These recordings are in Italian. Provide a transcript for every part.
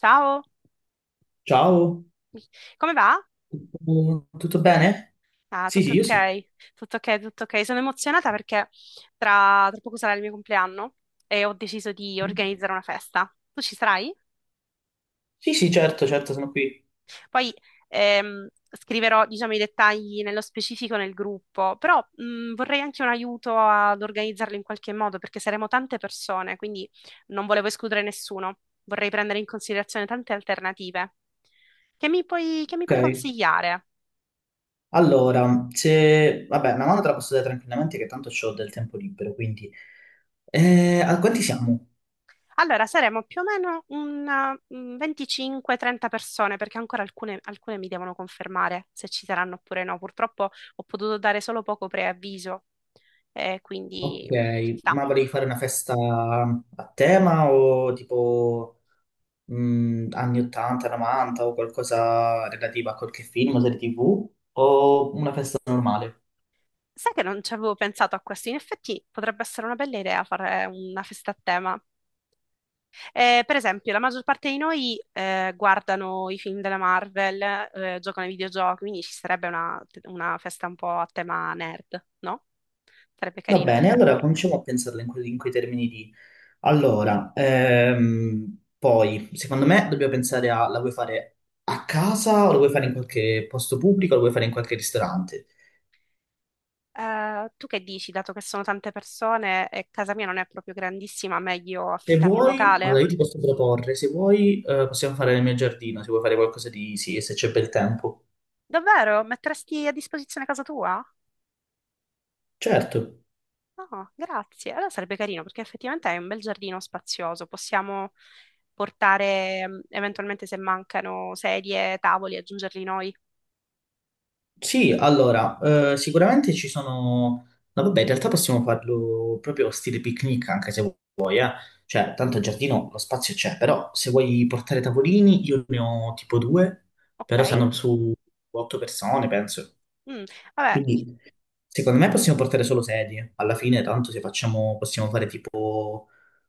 Ciao, Ciao, come va? tutto bene? Ah, Sì, tutto sì, io sì. ok, tutto ok, tutto ok. Sono emozionata perché tra poco sarà il mio compleanno e ho deciso di organizzare una festa. Tu ci sarai? Sì, sì, certo, certo, sono qui. Poi scriverò, diciamo, i dettagli nello specifico nel gruppo, però vorrei anche un aiuto ad organizzarlo in qualche modo perché saremo tante persone, quindi non volevo escludere nessuno. Vorrei prendere in considerazione tante alternative. Che mi puoi, che mi Ok, puoi consigliare? allora, se... Vabbè, una mano te la posso dare tranquillamente che tanto ho del tempo libero, quindi... a quanti siamo? Allora, saremo più o meno un 25-30 persone, perché ancora alcune mi devono confermare se ci saranno oppure no. Purtroppo ho potuto dare solo poco preavviso, Ok, quindi ci sta. ma volevi fare una festa a tema o tipo anni 80, 90 o qualcosa relativo a qualche film o serie TV o una festa normale? Sai che non ci avevo pensato a questo? In effetti potrebbe essere una bella idea fare una festa a tema. Per esempio, la maggior parte di noi guardano i film della Marvel, giocano ai videogiochi, quindi ci sarebbe una festa un po' a tema nerd, no? Sarebbe Va carino. bene, allora cominciamo a pensarla in, in quei termini lì. Allora, poi, secondo me dobbiamo pensare a, la vuoi fare a casa o la vuoi fare in qualche posto pubblico o la vuoi fare in qualche ristorante? Tu che dici, dato che sono tante persone e casa mia non è proprio grandissima, meglio Se affittare un vuoi, allora locale? io ti posso proporre, se vuoi, possiamo fare nel mio giardino, se vuoi fare qualcosa di sì, se c'è bel tempo. Davvero? Metteresti a disposizione casa tua? Certo. No, grazie. Allora sarebbe carino perché effettivamente è un bel giardino spazioso. Possiamo portare eventualmente se mancano sedie, tavoli, aggiungerli noi. Sì, allora, sicuramente ci sono... No, vabbè, in realtà possiamo farlo proprio stile picnic, anche se vuoi, eh. Cioè, tanto il giardino, lo spazio c'è, però se vuoi portare tavolini, io ne ho tipo due, Ok? però stanno Ok. su otto persone, penso. Mm, Vabbè, Quindi, secondo me possiamo portare solo sedie. Alla fine, tanto se facciamo, possiamo fare tipo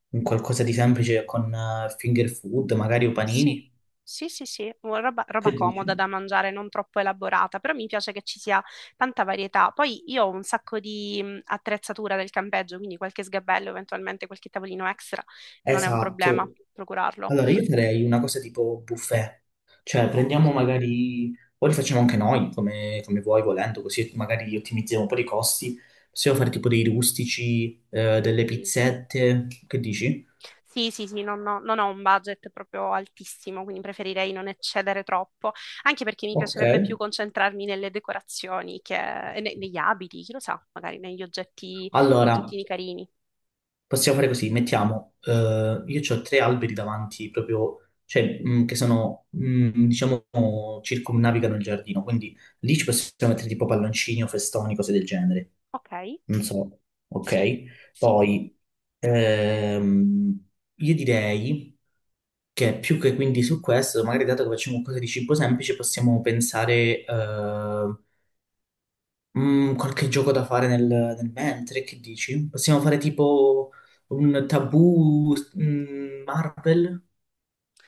un qualcosa di semplice con finger food, magari o Sì, panini. sì, sì, sì, una roba Che comoda dici? da mangiare, non troppo elaborata, però mi piace che ci sia tanta varietà. Poi io ho un sacco di attrezzatura del campeggio, quindi qualche sgabello, eventualmente qualche tavolino extra, non è un problema Esatto. procurarlo. Allora, io farei una cosa tipo buffet, cioè Ok. prendiamo magari, o li facciamo anche noi, come, come vuoi, volendo, così magari ottimizziamo un po' i costi, possiamo fare tipo dei rustici, delle Sì, pizzette, che dici? sì, sì, sì, non ho un budget proprio altissimo, quindi preferirei non eccedere troppo, anche perché mi Ok. piacerebbe più concentrarmi nelle decorazioni che, e negli abiti, chi lo sa, magari negli oggetti, Allora, oggettini carini. possiamo fare così, mettiamo, io ho tre alberi davanti, proprio, cioè, che sono, diciamo, circumnavigano il giardino, quindi lì ci possiamo mettere tipo palloncini o festoni, cose del genere. Ok. Non so, Sì, ok? sì. Poi ehm, io direi che più che quindi su questo, magari dato che facciamo qualcosa di cibo semplice, possiamo pensare qualche gioco da fare nel mentre, che dici? Possiamo fare tipo un tabù Marvel?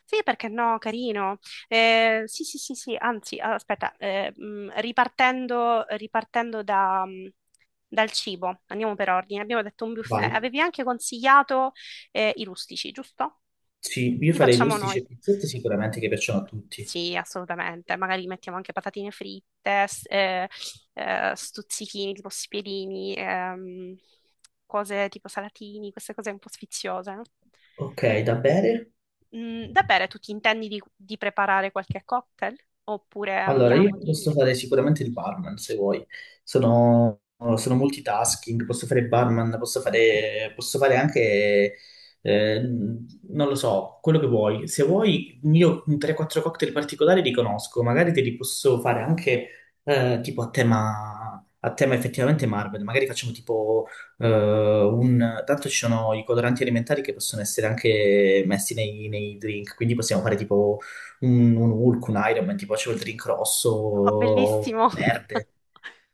Sì, perché no, carino. Sì, sì, sì, sì, anzi, aspetta, ripartendo da, dal cibo, andiamo per ordine, abbiamo detto un buffet. Vai. Avevi anche consigliato i rustici, giusto? Sì, io Li farei facciamo rustici noi. e pizzette sicuramente che piacciono a tutti. Sì, assolutamente. Magari mettiamo anche patatine fritte, stuzzichini, tipo spiedini, cose tipo salatini, queste cose un po' sfiziose, no? Ok, da bere? Da bere, tu ti intendi di preparare qualche cocktail? Oppure Allora, io andiamo posso di. fare sicuramente il barman se vuoi. Sono, sono multitasking, posso fare il barman, posso fare anche, non lo so, quello che vuoi. Se vuoi, io un 3-4 cocktail particolari li conosco, magari te li posso fare anche tipo a tema effettivamente Marvel. Magari facciamo tipo eh, un... Tanto ci sono i coloranti alimentari che possono essere anche messi nei drink, quindi possiamo fare tipo un Hulk, un Iron Man, tipo facevo il drink rosso, Oh, bellissimo! o verde,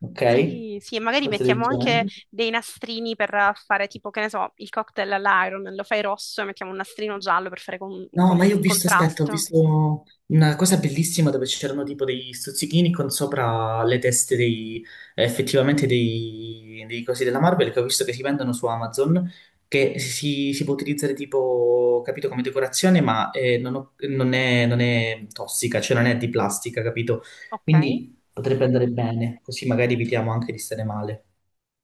ok? Sì, sì, e magari Cose del mettiamo anche genere. dei nastrini per fare tipo, che ne so, il cocktail all'iron, lo fai rosso e mettiamo un nastrino giallo per fare No, ma io ho visto, aspetta, ho contrasto. visto una cosa bellissima dove c'erano tipo degli stuzzichini con sopra le teste dei, effettivamente dei cosi della Marvel che ho visto che si vendono su Amazon, che si può utilizzare tipo, capito, come decorazione, ma non è, non è tossica, cioè non è di plastica, capito? Ok? Quindi potrebbe andare bene, così magari evitiamo anche di stare male.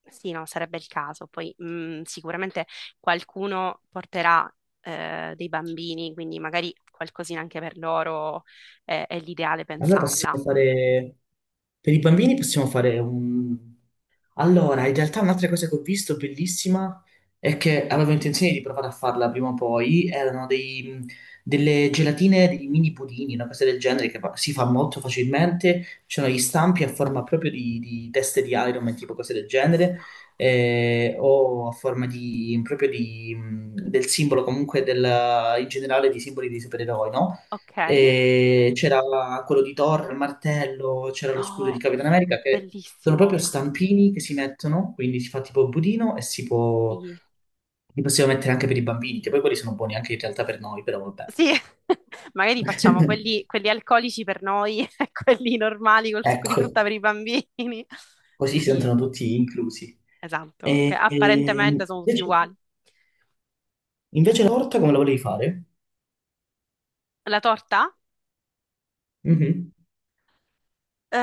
Sì, no, sarebbe il caso. Poi sicuramente qualcuno porterà dei bambini, quindi magari qualcosina anche per loro è l'ideale Allora pensarla. possiamo fare, per i bambini possiamo fare un... Allora, in realtà un'altra cosa che ho visto bellissima è che avevo intenzione di provare a farla prima o poi, erano dei, delle gelatine, dei mini pudini, una cosa del genere che si fa molto facilmente, c'erano gli stampi a forma proprio di teste di Iron Man, tipo cose del genere, No. O a forma di, proprio di, del simbolo comunque del, in generale di simboli dei supereroi, no? Ok. E c'era quello di Thor, il martello, c'era lo scudo di Oh, Capitan America che sono bellissimo. proprio Ah, stampini che si mettono, quindi si fa tipo il budino e si può... sì. Li possiamo mettere anche per i bambini, che poi quelli sono buoni anche in realtà per noi, però vabbè. Sì. Magari facciamo quelli alcolici per noi e quelli normali col succo di Ecco, frutta per i bambini. così si Sì, sentono tutti inclusi. esatto. Che E, apparentemente sono tutti uguali. invece la torta come la volevi fare? La torta? Mhm. Eh,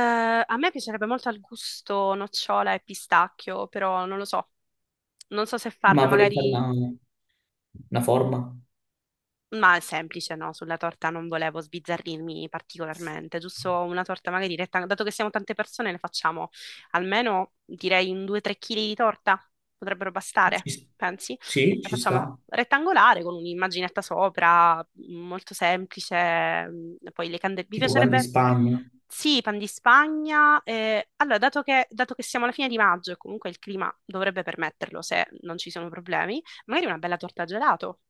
a me piacerebbe molto al gusto nocciola e pistacchio, però non lo so. Non so se Ma farla, volevi fare magari. Una forma? Ma è semplice, no? Sulla torta non volevo sbizzarrirmi particolarmente, giusto una torta magari retta, dato che siamo tante persone, ne facciamo almeno direi un 2-3 kg di torta, potrebbero bastare, Ci- pensi? sì, La ci facciamo sta. rettangolare con un'immaginetta sopra, molto semplice, poi le candele. Mi Tipo pan di piacerebbe, Spagna. sì, pan di Spagna. Allora, dato che siamo alla fine di maggio e comunque il clima dovrebbe permetterlo se non ci sono problemi, magari una bella torta a gelato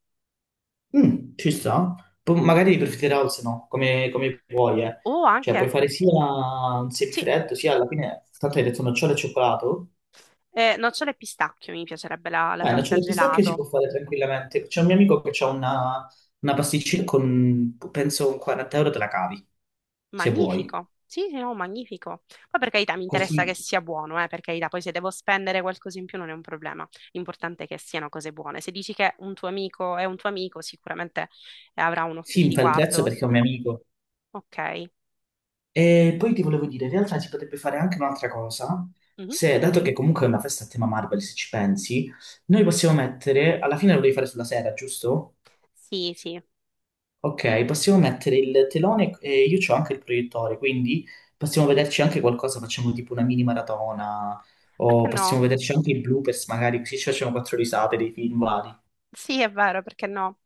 Mm, ci sta. Poi magari per Fitter House no, come, come vuoi, eh. o Cioè, anche, puoi fare sia un sì, semifreddo, sia alla fine, tanto hai detto nocciole e cioccolato. Nocciole e pistacchio, mi piacerebbe la Beh, torta nocciole e pistacchio si gelato. può fare tranquillamente. C'è un mio amico che ha una pasticceria con, penso, un 40 euro te la cavi, se vuoi. Magnifico. Sì, sì, no, magnifico. Poi per carità mi interessa che Così sia buono, per carità, poi se devo spendere qualcosa in più non è un problema. L'importante è che siano cose buone. Se dici che un tuo amico è un tuo amico, sicuramente avrà un occhio si di infla il prezzo riguardo. perché è un mio amico. Ok. E poi ti volevo dire, in realtà si potrebbe fare anche un'altra cosa, Mhm. se, dato che comunque è una festa a tema Marvel, se ci pensi, noi possiamo mettere, alla fine lo devi fare sulla sera, giusto? Sì, sì. Ok, possiamo mettere il telone e io ho anche il proiettore, quindi possiamo vederci anche qualcosa, facciamo tipo una mini maratona Perché o possiamo no? vederci anche i bloopers magari, così ci facciamo quattro risate dei film vari. Sì, è vero, perché no?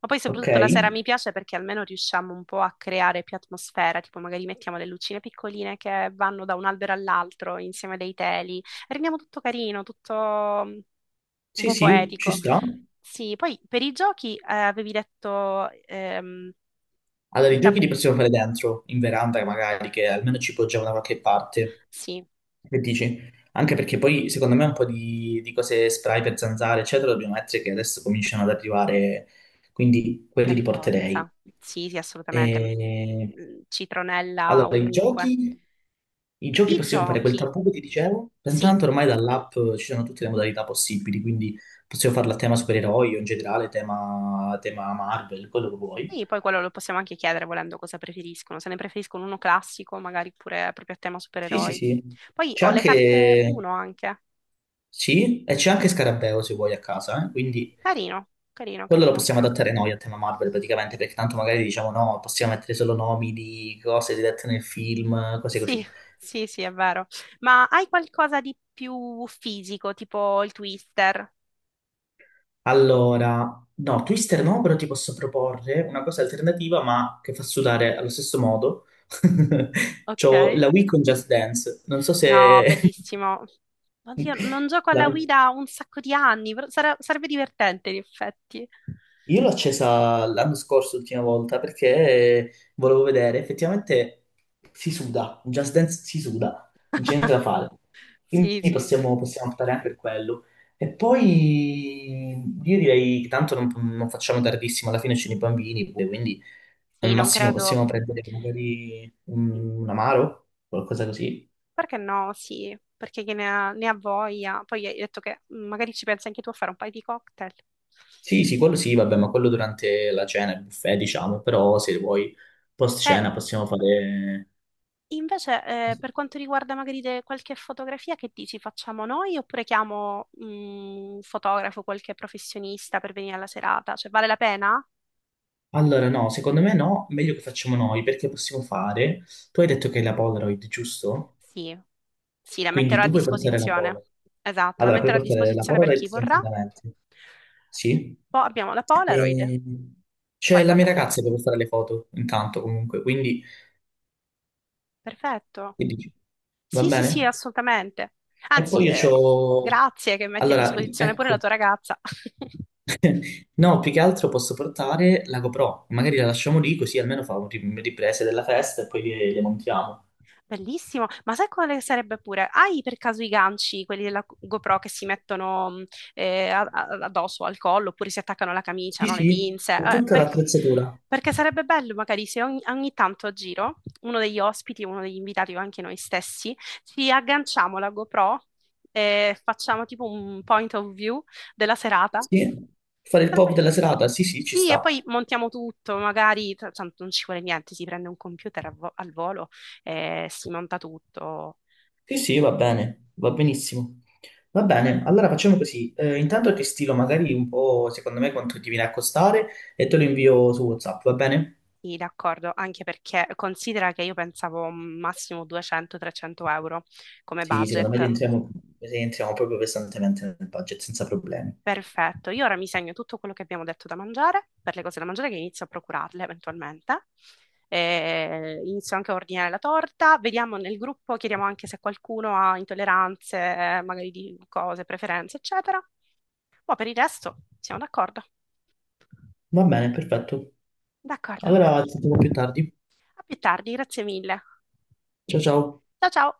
Ma poi Ok? soprattutto la sera mi piace perché almeno riusciamo un po' a creare più atmosfera, tipo magari mettiamo le lucine piccoline che vanno da un albero all'altro insieme a dei teli, rendiamo tutto carino, tutto mm, un Sì, po' sì, ci poetico. sta. Sì, poi per i giochi avevi detto Allora, i il giochi li tabù, possiamo fare dentro, in veranda magari, che almeno ci poggiamo da qualche parte. sì, Che dici? Anche perché poi secondo me un po' di cose spray per zanzare, eccetera, dobbiamo mettere che adesso cominciano ad arrivare, quindi quelli per li porterei. forza, sì, sì, assolutamente. E... Mm, mm, citronella Allora, ovunque. I giochi I possiamo fare quel giochi, tabù che ti dicevo, sì, intanto ormai dall'app ci sono tutte le modalità possibili, quindi possiamo farla a tema supereroi o in generale tema, tema Marvel, quello che vuoi. sì, poi quello lo possiamo anche chiedere volendo cosa preferiscono, se ne preferiscono uno classico, magari pure proprio a tema Sì, sì, supereroi. sì. Poi C'è ho le carte anche... UNO anche. Sì, e c'è anche Scarabeo se vuoi a casa, eh? Quindi Carino, carino, quello lo carino. possiamo adattare noi a tema Marvel praticamente, perché tanto magari diciamo no, possiamo mettere solo nomi di cose dirette nel film, cose Sì, così. sì, sì, è vero. Ma hai qualcosa di più fisico, tipo il Twister? Allora, no, Twister no, però ti posso proporre una cosa alternativa, ma che fa sudare allo stesso modo. Ok. C'ho la Wii con Just Dance, non so No, se... bellissimo. Oddio, non gioco alla La... Wii da un sacco di anni, però sarebbe divertente in effetti. Io l'ho accesa l'anno scorso, l'ultima volta, perché volevo vedere, effettivamente si suda, in Just Dance si suda, non c'è niente da fare. Quindi Sì, sì. Possiamo optare anche per quello. E poi io direi che tanto non, non facciamo tardissimo, alla fine c'è i bambini, quindi al Sì, non massimo credo. possiamo prendere magari un amaro, qualcosa così. Perché no? Sì, perché chi ne ha, ne ha voglia. Poi hai detto che magari ci pensi anche tu a fare un paio di cocktail. Sì, sì, quello sì, vabbè, ma quello durante la cena, il buffet, diciamo, però se vuoi post E cena possiamo fare... invece, per quanto riguarda magari qualche fotografia, che dici? Facciamo noi oppure chiamo un fotografo, qualche professionista per venire alla serata? Cioè, vale la pena? Allora, no, secondo me no, meglio che facciamo noi, perché possiamo fare... Tu hai detto che hai la Polaroid, giusto? Sì, sì, la Quindi metterò a tu puoi portare la disposizione. Polaroid. Esatto, la Allora, puoi metterò a portare la disposizione per chi Polaroid vorrà. tranquillamente. Sì. Poi abbiamo la Polaroid. E... C'è Poi la mia vabbè, ragazza che può fare le foto, intanto, comunque, quindi... perfetto. Che dici? Va Sì, sì, sì, bene? assolutamente. E poi Anzi, io c'ho... grazie che metti a Allora, disposizione pure la ecco. tua ragazza. No, più che altro posso portare la GoPro. Magari la lasciamo lì, così almeno fa un riprese della festa e poi le montiamo. Bellissimo. Ma sai quale sarebbe pure? Hai per caso i ganci, quelli della GoPro che si mettono addosso al collo oppure si attaccano alla camicia, Sì, no? Le sì, pinze? ho Eh, tutta perché, l'attrezzatura. perché sarebbe bello magari se ogni tanto a giro uno degli ospiti, uno degli invitati o anche noi stessi, ci agganciamo la GoPro e facciamo tipo un point of view della serata. Sì, fare il pop Sarebbe- della serata. Sì, sì, ci Sì, e poi sta. montiamo tutto, magari tanto non ci vuole niente, si prende un computer al volo e si monta tutto. Sì, sì, va bene, va benissimo. Va bene, allora facciamo così. Intanto ti stilo magari un po', secondo me, quanto ti viene a costare e te lo invio su WhatsApp, va bene? Sì, d'accordo, anche perché considera che io pensavo massimo 200-300 euro come Sì, secondo me budget. Rientriamo proprio pesantemente nel budget, senza problemi. Perfetto, io ora mi segno tutto quello che abbiamo detto da mangiare, per le cose da mangiare che inizio a procurarle eventualmente. E inizio anche a ordinare la torta, vediamo nel gruppo, chiediamo anche se qualcuno ha intolleranze, magari di cose, preferenze, eccetera. Ma per il resto siamo d'accordo. Va bene, perfetto. D'accordo. A Allora, ci sentiamo più tardi. più tardi, grazie mille. Ciao ciao. Ciao ciao.